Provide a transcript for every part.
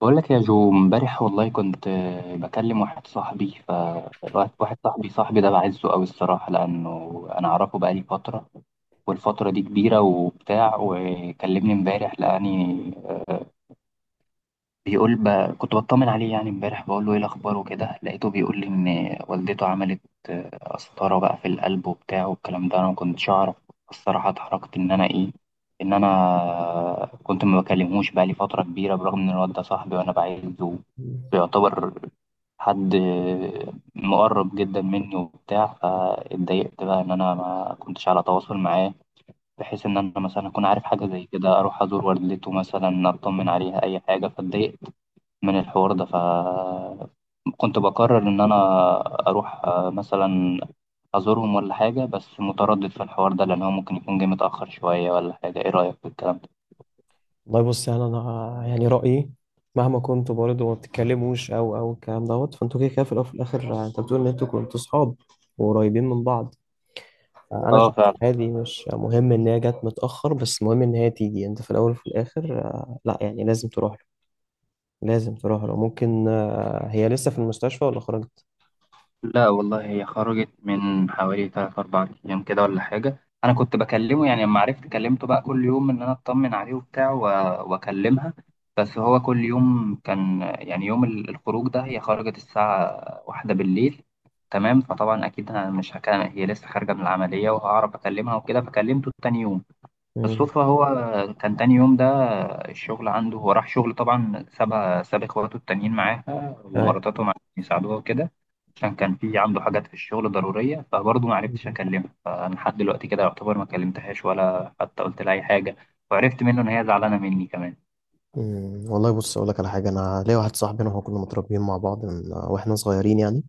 بقول لك يا جو، امبارح والله كنت بكلم واحد صاحبي ده بعزه قوي الصراحة، لأنه أنا أعرفه بقالي فترة، والفترة دي كبيرة وبتاع. وكلمني امبارح، لقاني آه، بيقول ب... كنت بطمن عليه يعني امبارح، بقول له ايه الاخبار وكده. لقيته بيقول لي ان والدته عملت قسطرة بقى في القلب وبتاع والكلام ده، انا ما كنتش اعرف. الصراحة اتحركت ان انا ايه، ان انا كنت ما بكلمهوش بقى لي فترة كبيرة، برغم ان الواد ده صاحبي وانا بعزه، بيعتبر حد مقرب جدا مني وبتاع. فاتضايقت بقى ان انا ما كنتش على تواصل معاه، بحيث ان انا مثلا اكون عارف حاجة زي كده، اروح ازور والدته مثلا، اطمن عليها اي حاجة. فاتضايقت من الحوار ده. فكنت بقرر إن أنا أروح مثلا أزورهم ولا حاجة، بس متردد في الحوار ده، لأن هو ممكن يكون جه متأخر شوية ولا حاجة. إيه رأيك في الكلام ده؟ والله بص، يعني انا يعني رايي مهما كنتوا برضه ما بتتكلموش او الكلام دوت، فانتوا كده كده في الاول وفي الاخر. انت بتقول ان انتوا كنتوا صحاب وقريبين من بعض. انا آه، شايف فعلا. إن هذه مش مهم ان هي جت متاخر، بس مهم ان هي تيجي. انت في الاول وفي الاخر، لا يعني لازم تروح له، لازم تروح له. ممكن هي لسه في المستشفى ولا خرجت؟ لا والله، هي خرجت من حوالي 3 4 أيام كده ولا حاجة. أنا كنت بكلمه يعني، لما عرفت كلمته بقى كل يوم إن أنا أطمن عليه وبتاع وأكلمها. بس هو كل يوم كان يعني، يوم الخروج ده هي خرجت الساعة 1 بالليل، تمام. فطبعا أكيد أنا مش هكلم، هي لسه خارجة من العملية، وهعرف أكلمها وكده. فكلمته تاني يوم امم. بالصدفة. هو كان تاني يوم ده الشغل عنده، هو راح شغل طبعا، ساب اخواته التانيين معاه ايوه. ومراتاتهم عشان يساعدوها وكده، عشان كان في عنده حاجات في الشغل ضرورية. فبرضه ما عرفتش مم. اكلمها. فانا لحد دلوقتي كده يعتبر ما كلمتهاش ولا حتى قلت لها اي حاجة. وعرفت منه ان هي زعلانة مني كمان. أمم، والله بص اقول لك على حاجه. انا ليا واحد صاحبي، انا وهو كنا متربيين مع بعض من واحنا صغيرين يعني.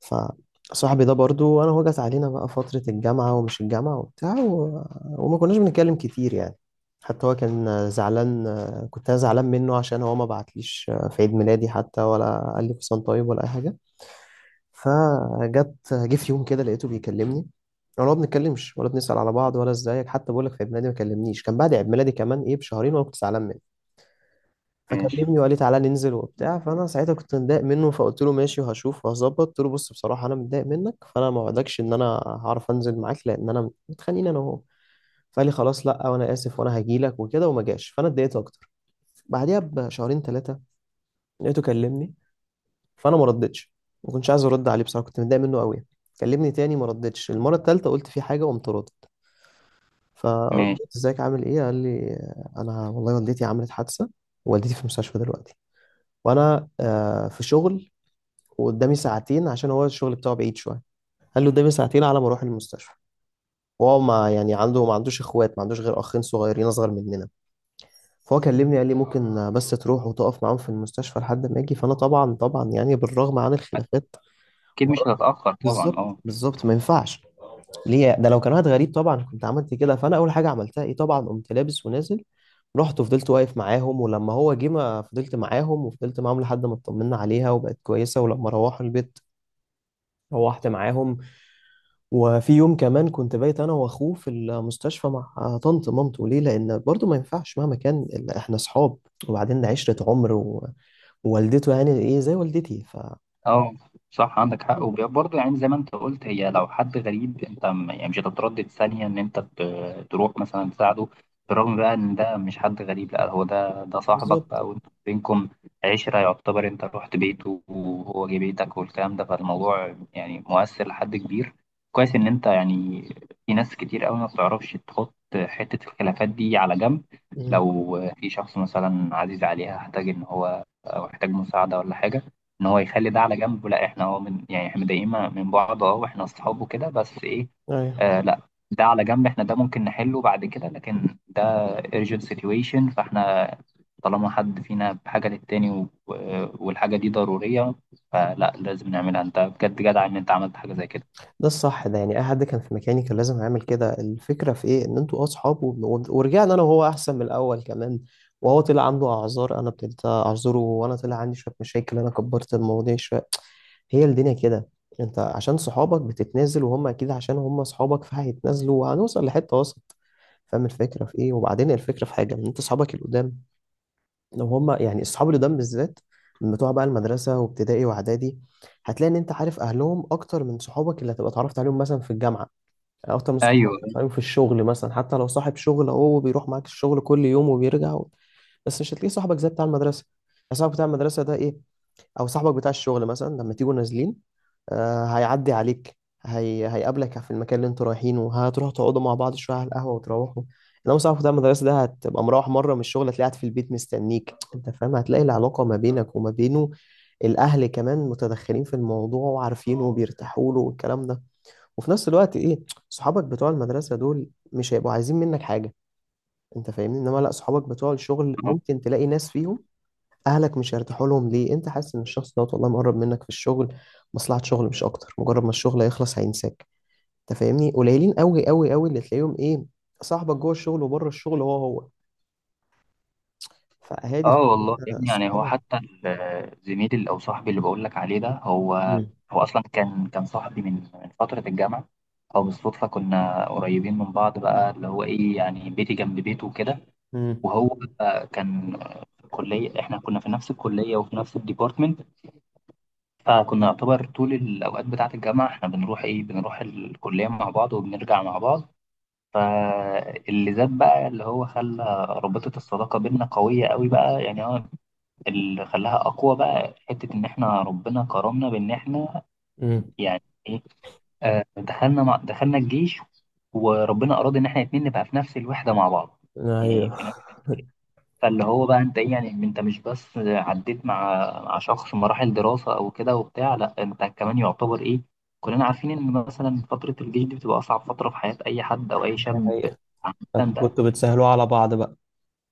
فصاحبي ده برضو انا هو جت علينا بقى فترة الجامعة ومش الجامعة وبتاع وما كناش بنتكلم كتير يعني. حتى هو كان زعلان، كنت انا زعلان منه عشان هو ما بعتليش في عيد ميلادي حتى، ولا قال لي كل طيب ولا اي حاجة. فجت جه في يوم كده لقيته بيكلمني، ولا ما بنتكلمش ولا بنسأل على بعض ولا ازيك حتى. بقول لك في عيد ميلادي ما كلمنيش، كان بعد عيد ميلادي كمان ايه بشهرين، وانا كنت زعلان منه. ماشي. فكلمني وقال لي تعالى ننزل وبتاع، فانا ساعتها كنت متضايق منه فقلت له ماشي وهشوف وهظبط. قلت له بص بصراحه انا متضايق منك، فانا ما وعدكش ان انا هعرف انزل معاك لان انا متخانقين انا وهو. فقال لي خلاص، لا وانا اسف وانا هجي لك وكده، وما جاش، فانا اتضايقت اكتر. بعديها بشهرين ثلاثه لقيته كلمني، فانا ما ردتش، ما كنتش عايز ارد عليه بصراحه، كنت متضايق منه قوي. كلمني تاني ما ردتش، المره الثالثه قلت في حاجه وقمت ردت. ماشي. فردت ازيك عامل ايه، قال لي انا والله والدتي عملت حادثه، والدتي في المستشفى دلوقتي، وانا في شغل وقدامي ساعتين عشان هو الشغل بتاعه بعيد شويه. قال له قدامي ساعتين على ما اروح المستشفى، وهو ما يعني عنده ما عندوش اخوات، ما عندوش غير اخين صغيرين اصغر مننا. فهو كلمني قال لي ممكن بس تروح وتقف معاهم في المستشفى لحد ما اجي، فانا طبعا طبعا يعني بالرغم عن الخلافات اكيد مش هتتأخر طبعا، بالظبط اه. بالظبط ما ينفعش. ليه ده؟ لو كان واحد غريب طبعا كنت عملت كده، فانا اول حاجه عملتها ايه طبعا قمت لابس ونازل. رحت وفضلت واقف معاهم ولما هو جه ما فضلت معاهم وفضلت معاهم لحد ما اطمنا عليها وبقت كويسه، ولما روحوا البيت روحت معاهم. وفي يوم كمان كنت بايت انا واخوه في المستشفى مع طنط مامته، ليه؟ لان برضو ما ينفعش مهما كان احنا صحاب وبعدين عشرة عمر ووالدته يعني ايه زي والدتي ف اه، صح، عندك حق. وبرضه يعني زي ما انت قلت، هي لو حد غريب انت يعني مش هتتردد ثانية ان انت تروح مثلا تساعده. بالرغم بقى ان ده مش حد غريب، لا هو ده صاحبك بالظبط. بقى، وانتوا بينكم عشرة يعتبر، انت رحت بيته وهو جه بيتك والكلام ده. فالموضوع يعني مؤثر لحد كبير. كويس ان انت يعني، في ناس كتير قوي ما بتعرفش تحط حتة الخلافات دي على جنب. مم. لو في شخص مثلا عزيز عليها احتاج ان هو، او احتاج مساعدة ولا حاجة، ان هو يخلي ده على جنب. لا احنا هو من يعني، احنا مضايقين من بعض اه، واحنا اصحاب وكده، بس ايه، ايوه. لا، ده على جنب، احنا ده ممكن نحله بعد كده. لكن ده urgent situation، فاحنا طالما حد فينا بحاجة للتاني والحاجة دي ضرورية، فلا، لازم نعملها. انت بجد جدع ان انت عملت حاجة زي كده. ده الصح، ده يعني اي حد كان في مكاني كان لازم يعمل كده. الفكره في ايه؟ ان انتوا اصحاب ورجعنا انا وهو احسن من الاول كمان. وهو طلع عنده اعذار، انا ابتديت اعذره، وانا طلع عندي شويه مشاكل، انا كبرت المواضيع شويه. هي الدنيا كده، انت عشان صحابك بتتنازل، وهم اكيد عشان هم صحابك فهيتنازلوا، وهنوصل لحته وسط. فاهم الفكره في ايه؟ وبعدين الفكره في حاجه، ان انت صحابك القدام، لو هم يعني الصحاب القدام بالذات من بتوع بقى المدرسه وابتدائي واعدادي، هتلاقي ان انت عارف اهلهم اكتر من صحابك اللي هتبقى اتعرفت عليهم مثلا في الجامعه، اكتر من صحابك اللي ايوه. هتعرفت عليهم في الشغل مثلا. حتى لو صاحب شغل اهو بيروح معاك الشغل كل يوم وبيرجع بس مش هتلاقيه صاحبك زي بتاع المدرسه. صاحبك بتاع المدرسه ده ايه، او صاحبك بتاع الشغل مثلا لما تيجوا نازلين، هيعدي عليك، هيقابلك في المكان اللي انتوا رايحينه، هتروحوا تقعدوا مع بعض شويه على القهوه وتروحوا. انما صاحبك بتاع المدرسه ده هتبقى مروح مره من الشغل هتلاقيه قاعد في البيت مستنيك، انت فاهم؟ هتلاقي العلاقه ما بينك وما بينه، الاهل كمان متدخلين في الموضوع وعارفينه وبيرتاحوا له والكلام ده. وفي نفس الوقت ايه، صحابك بتوع المدرسه دول مش هيبقوا عايزين منك حاجه، انت فاهمني؟ انما لا، صحابك بتوع الشغل ممكن تلاقي ناس فيهم اهلك مش هيرتاحوا لهم. ليه؟ انت حاسس ان الشخص دوت والله مقرب منك في الشغل، مصلحة شغل مش اكتر، مجرد ما الشغل هيخلص هينساك، انت فاهمني؟ قليلين قوي قوي قوي اللي تلاقيهم ايه، صاحبك جوه الشغل وبره الشغل هو هو، فهادي اه والله يا ابني، يعني هو صحابك. حتى او صاحبي اللي بقول لك عليه ده، هو مم. هو اصلا كان صاحبي من فتره الجامعه. او بالصدفه كنا قريبين من بعض بقى، اللي هو ايه، يعني بيتي جنب بيته وكده. مم. وهو كان في الكليه، احنا كنا في نفس الكليه وفي نفس الديبارتمنت. فكنا يعتبر طول الاوقات بتاعه الجامعه احنا بنروح ايه، بنروح الكليه مع بعض وبنرجع مع بعض. فاللي زاد بقى، اللي هو خلى رابطه الصداقه بينا قويه قوي بقى يعني، هو اللي خلاها اقوى بقى، حته ان احنا ربنا كرمنا بان احنا مم. يعني ايه، دخلنا الجيش. وربنا اراد ان احنا الاتنين نبقى في نفس الوحده مع بعض، يعني ايوه. في نفس. فاللي هو بقى انت ايه، يعني انت مش بس عديت مع شخص مراحل دراسه او كده وبتاع، لا انت كمان يعتبر ايه، كلنا عارفين ان مثلا فتره الجيش دي بتبقى اصعب فتره في حياه اي حد او اي دي شاب حقيقة. أنت عامه. كنتوا بتسهلوا على بعض بقى؟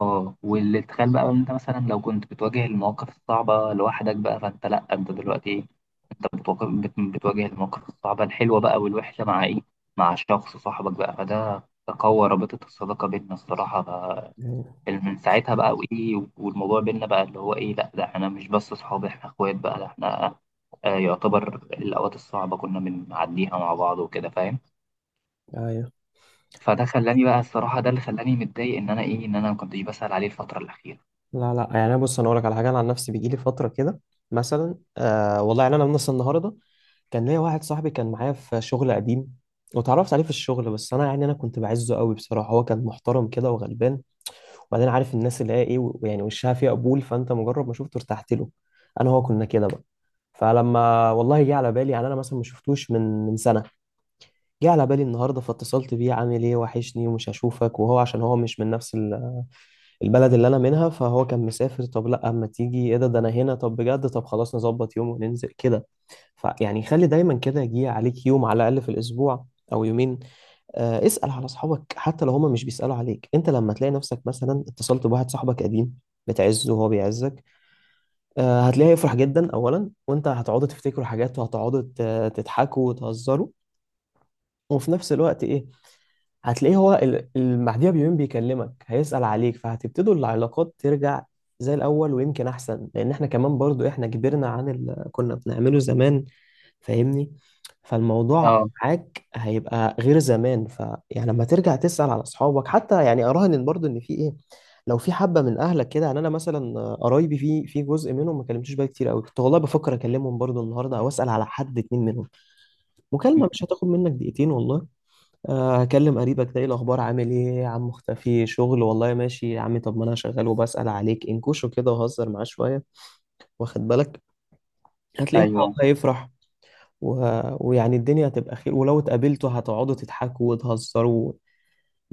اه. واللي تخيل بقى، ان انت مثلا لو كنت بتواجه المواقف الصعبة لوحدك بقى، فانت لا، انت دلوقتي ايه، انت بتواجه، بتواجه المواقف الصعبة الحلوة بقى والوحشة مع ايه، مع شخص صاحبك بقى، فده قوى رابطة الصداقة بيننا الصراحة بقى. ايوه. من ساعتها بقى وايه، والموضوع بيننا بقى اللي هو ايه، لا، ده احنا مش بس صحاب، احنا اخوات بقى، ده احنا يعتبر الأوقات الصعبة كنا بنعديها مع بعض وكده، فاهم. أيوة. فده خلاني بقى الصراحة، ده اللي خلاني متضايق إن أنا إيه، إن أنا ما كنتش بسأل عليه الفترة الأخيرة. لا لا، يعني أنا بص انا اقول لك على حاجه، انا عن نفسي بيجي لي فتره كده مثلا، آه والله يعني انا من النهارده كان ليا واحد صاحبي كان معايا في شغل قديم، واتعرفت عليه في الشغل. بس انا يعني انا كنت بعزه قوي بصراحه، هو كان محترم كده وغلبان. وبعدين عارف الناس اللي هي ايه ويعني وشها فيها قبول، فانت مجرد ما شفته ارتحت له. انا هو كنا كده بقى. فلما والله جه على بالي يعني انا مثلا ما شفتوش من سنه، جه على بالي النهارده فاتصلت بيه، عامل ايه، وحشني، ومش هشوفك. وهو عشان هو مش من نفس البلد اللي انا منها، فهو كان مسافر. طب لا اما تيجي ايه، ده ده انا هنا. طب بجد، طب خلاص نظبط يوم وننزل كده. فيعني خلي دايما كده، يجي عليك يوم على الأقل في الأسبوع أو يومين، اسأل على أصحابك حتى لو هما مش بيسألوا عليك. أنت لما تلاقي نفسك مثلا اتصلت بواحد صاحبك قديم بتعزه وهو بيعزك، هتلاقيه هيفرح جدا أولا، وأنت هتقعدوا تفتكروا حاجات وهتقعدوا تضحكوا وتهزروا. وفي نفس الوقت إيه، هتلاقيه هو بعديها بيومين بيكلمك هيسأل عليك، فهتبتدوا العلاقات ترجع زي الأول ويمكن أحسن، لأن إحنا كمان برضو إحنا كبرنا عن اللي كنا بنعمله زمان، فاهمني؟ فالموضوع اه. معاك هيبقى غير زمان. فيعني لما ترجع تسأل على اصحابك حتى يعني اراهن برضو ان في ايه، لو في حبه من اهلك كده. يعني انا مثلا قرايبي في جزء منهم ما كلمتوش بقى كتير قوي، كنت والله بفكر اكلمهم برضو النهارده او اسال على حد اتنين منهم. مكالمه مش هتاخد منك دقيقتين والله. هكلم قريبك ده، ايه الاخبار عامل ايه يا عم مختفي شغل، والله ماشي يا عمي، طب ما انا شغال وبسال عليك انكوشه كده وهزر معاه شويه، واخد بالك؟ هتلاقيه هو ايوه والله يفرح و... ويعني الدنيا هتبقى خير، ولو اتقابلتوا هتقعدوا تضحكوا وتهزروا،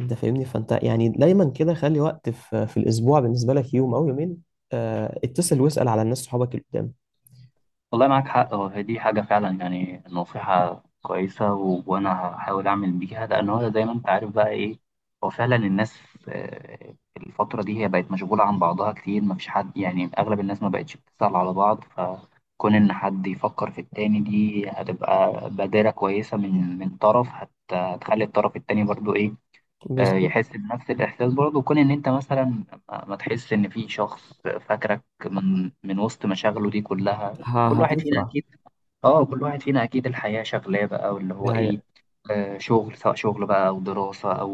انت فاهمني؟ فانت يعني دايما كده خلي وقت في الاسبوع بالنسبه لك، يوم او يومين، آه اتصل واسال على الناس صحابك اللي قدام. والله معاك حق. هو هي دي حاجه فعلا يعني نصيحه كويسه، وانا هحاول اعمل بيها، لان هو زي ما انت عارف بقى ايه، هو فعلا الناس الفتره دي هي بقت مشغوله عن بعضها كتير، ما فيش حد يعني اغلب الناس ما بقتش بتسال على بعض. فكون ان حد يفكر في التاني، دي هتبقى بادره كويسه من طرف، هتخلي الطرف التاني برضو ايه، بالظبط. يحس بنفس الإحساس برضه، كون إن أنت مثلا ما تحس إن في شخص فاكرك من وسط مشاغله دي كلها. كل واحد فينا هتفرح. أكيد. كل واحد فينا أكيد الحياة شغلاه بقى، واللي دي هو إيه، حقيقة. شغل، سواء شغل بقى أو دراسة أو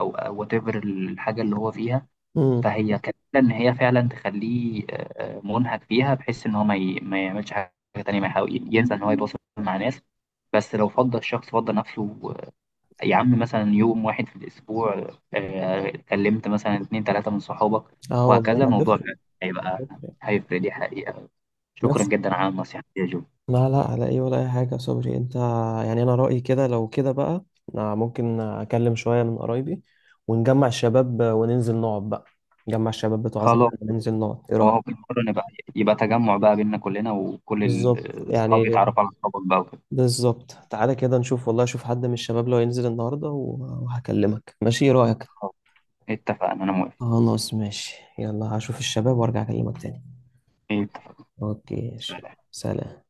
أو أو whatever الحاجة اللي هو فيها. امم. فهي كفيلة إن هي فعلا تخليه منهك فيها، بحيث إن هو ما يعملش حاجة تانية، ما يحاول ينسى إن هو يتواصل مع ناس. بس لو فضل الشخص فضل نفسه يا عم، مثلا يوم واحد في الأسبوع كلمت مثلا 2 3 من صحابك، اه وهكذا والله الموضوع هتفرق. فعلا هيبقى، هتفرق. هيفرق، دي حقيقة. شكرا بس جدا على النصيحة دي يا جو. لا لا، على ايه، ولا اي حاجه يا صبري. انت يعني انا رايي كده، لو كده بقى ممكن اكلم شويه من قرايبي ونجمع الشباب وننزل نقعد بقى، نجمع الشباب بتوع زمان خلاص. وننزل نقعد، ايه وهو رايك؟ بالمرة نبقى، يبقى تجمع بقى بينا كلنا، وكل بالظبط الأصحاب يعني، يتعرفوا على أصحابك بقى وكده. بالظبط. تعالى كده نشوف والله، اشوف حد من الشباب لو ينزل النهارده وهكلمك ماشي، إيه رأيك؟ خلاص، اتفقنا، أنا موافق. خلاص ماشي، يلا هشوف الشباب وارجع اكلمك تاني. اتفقنا. اوكي ماشي، سلام.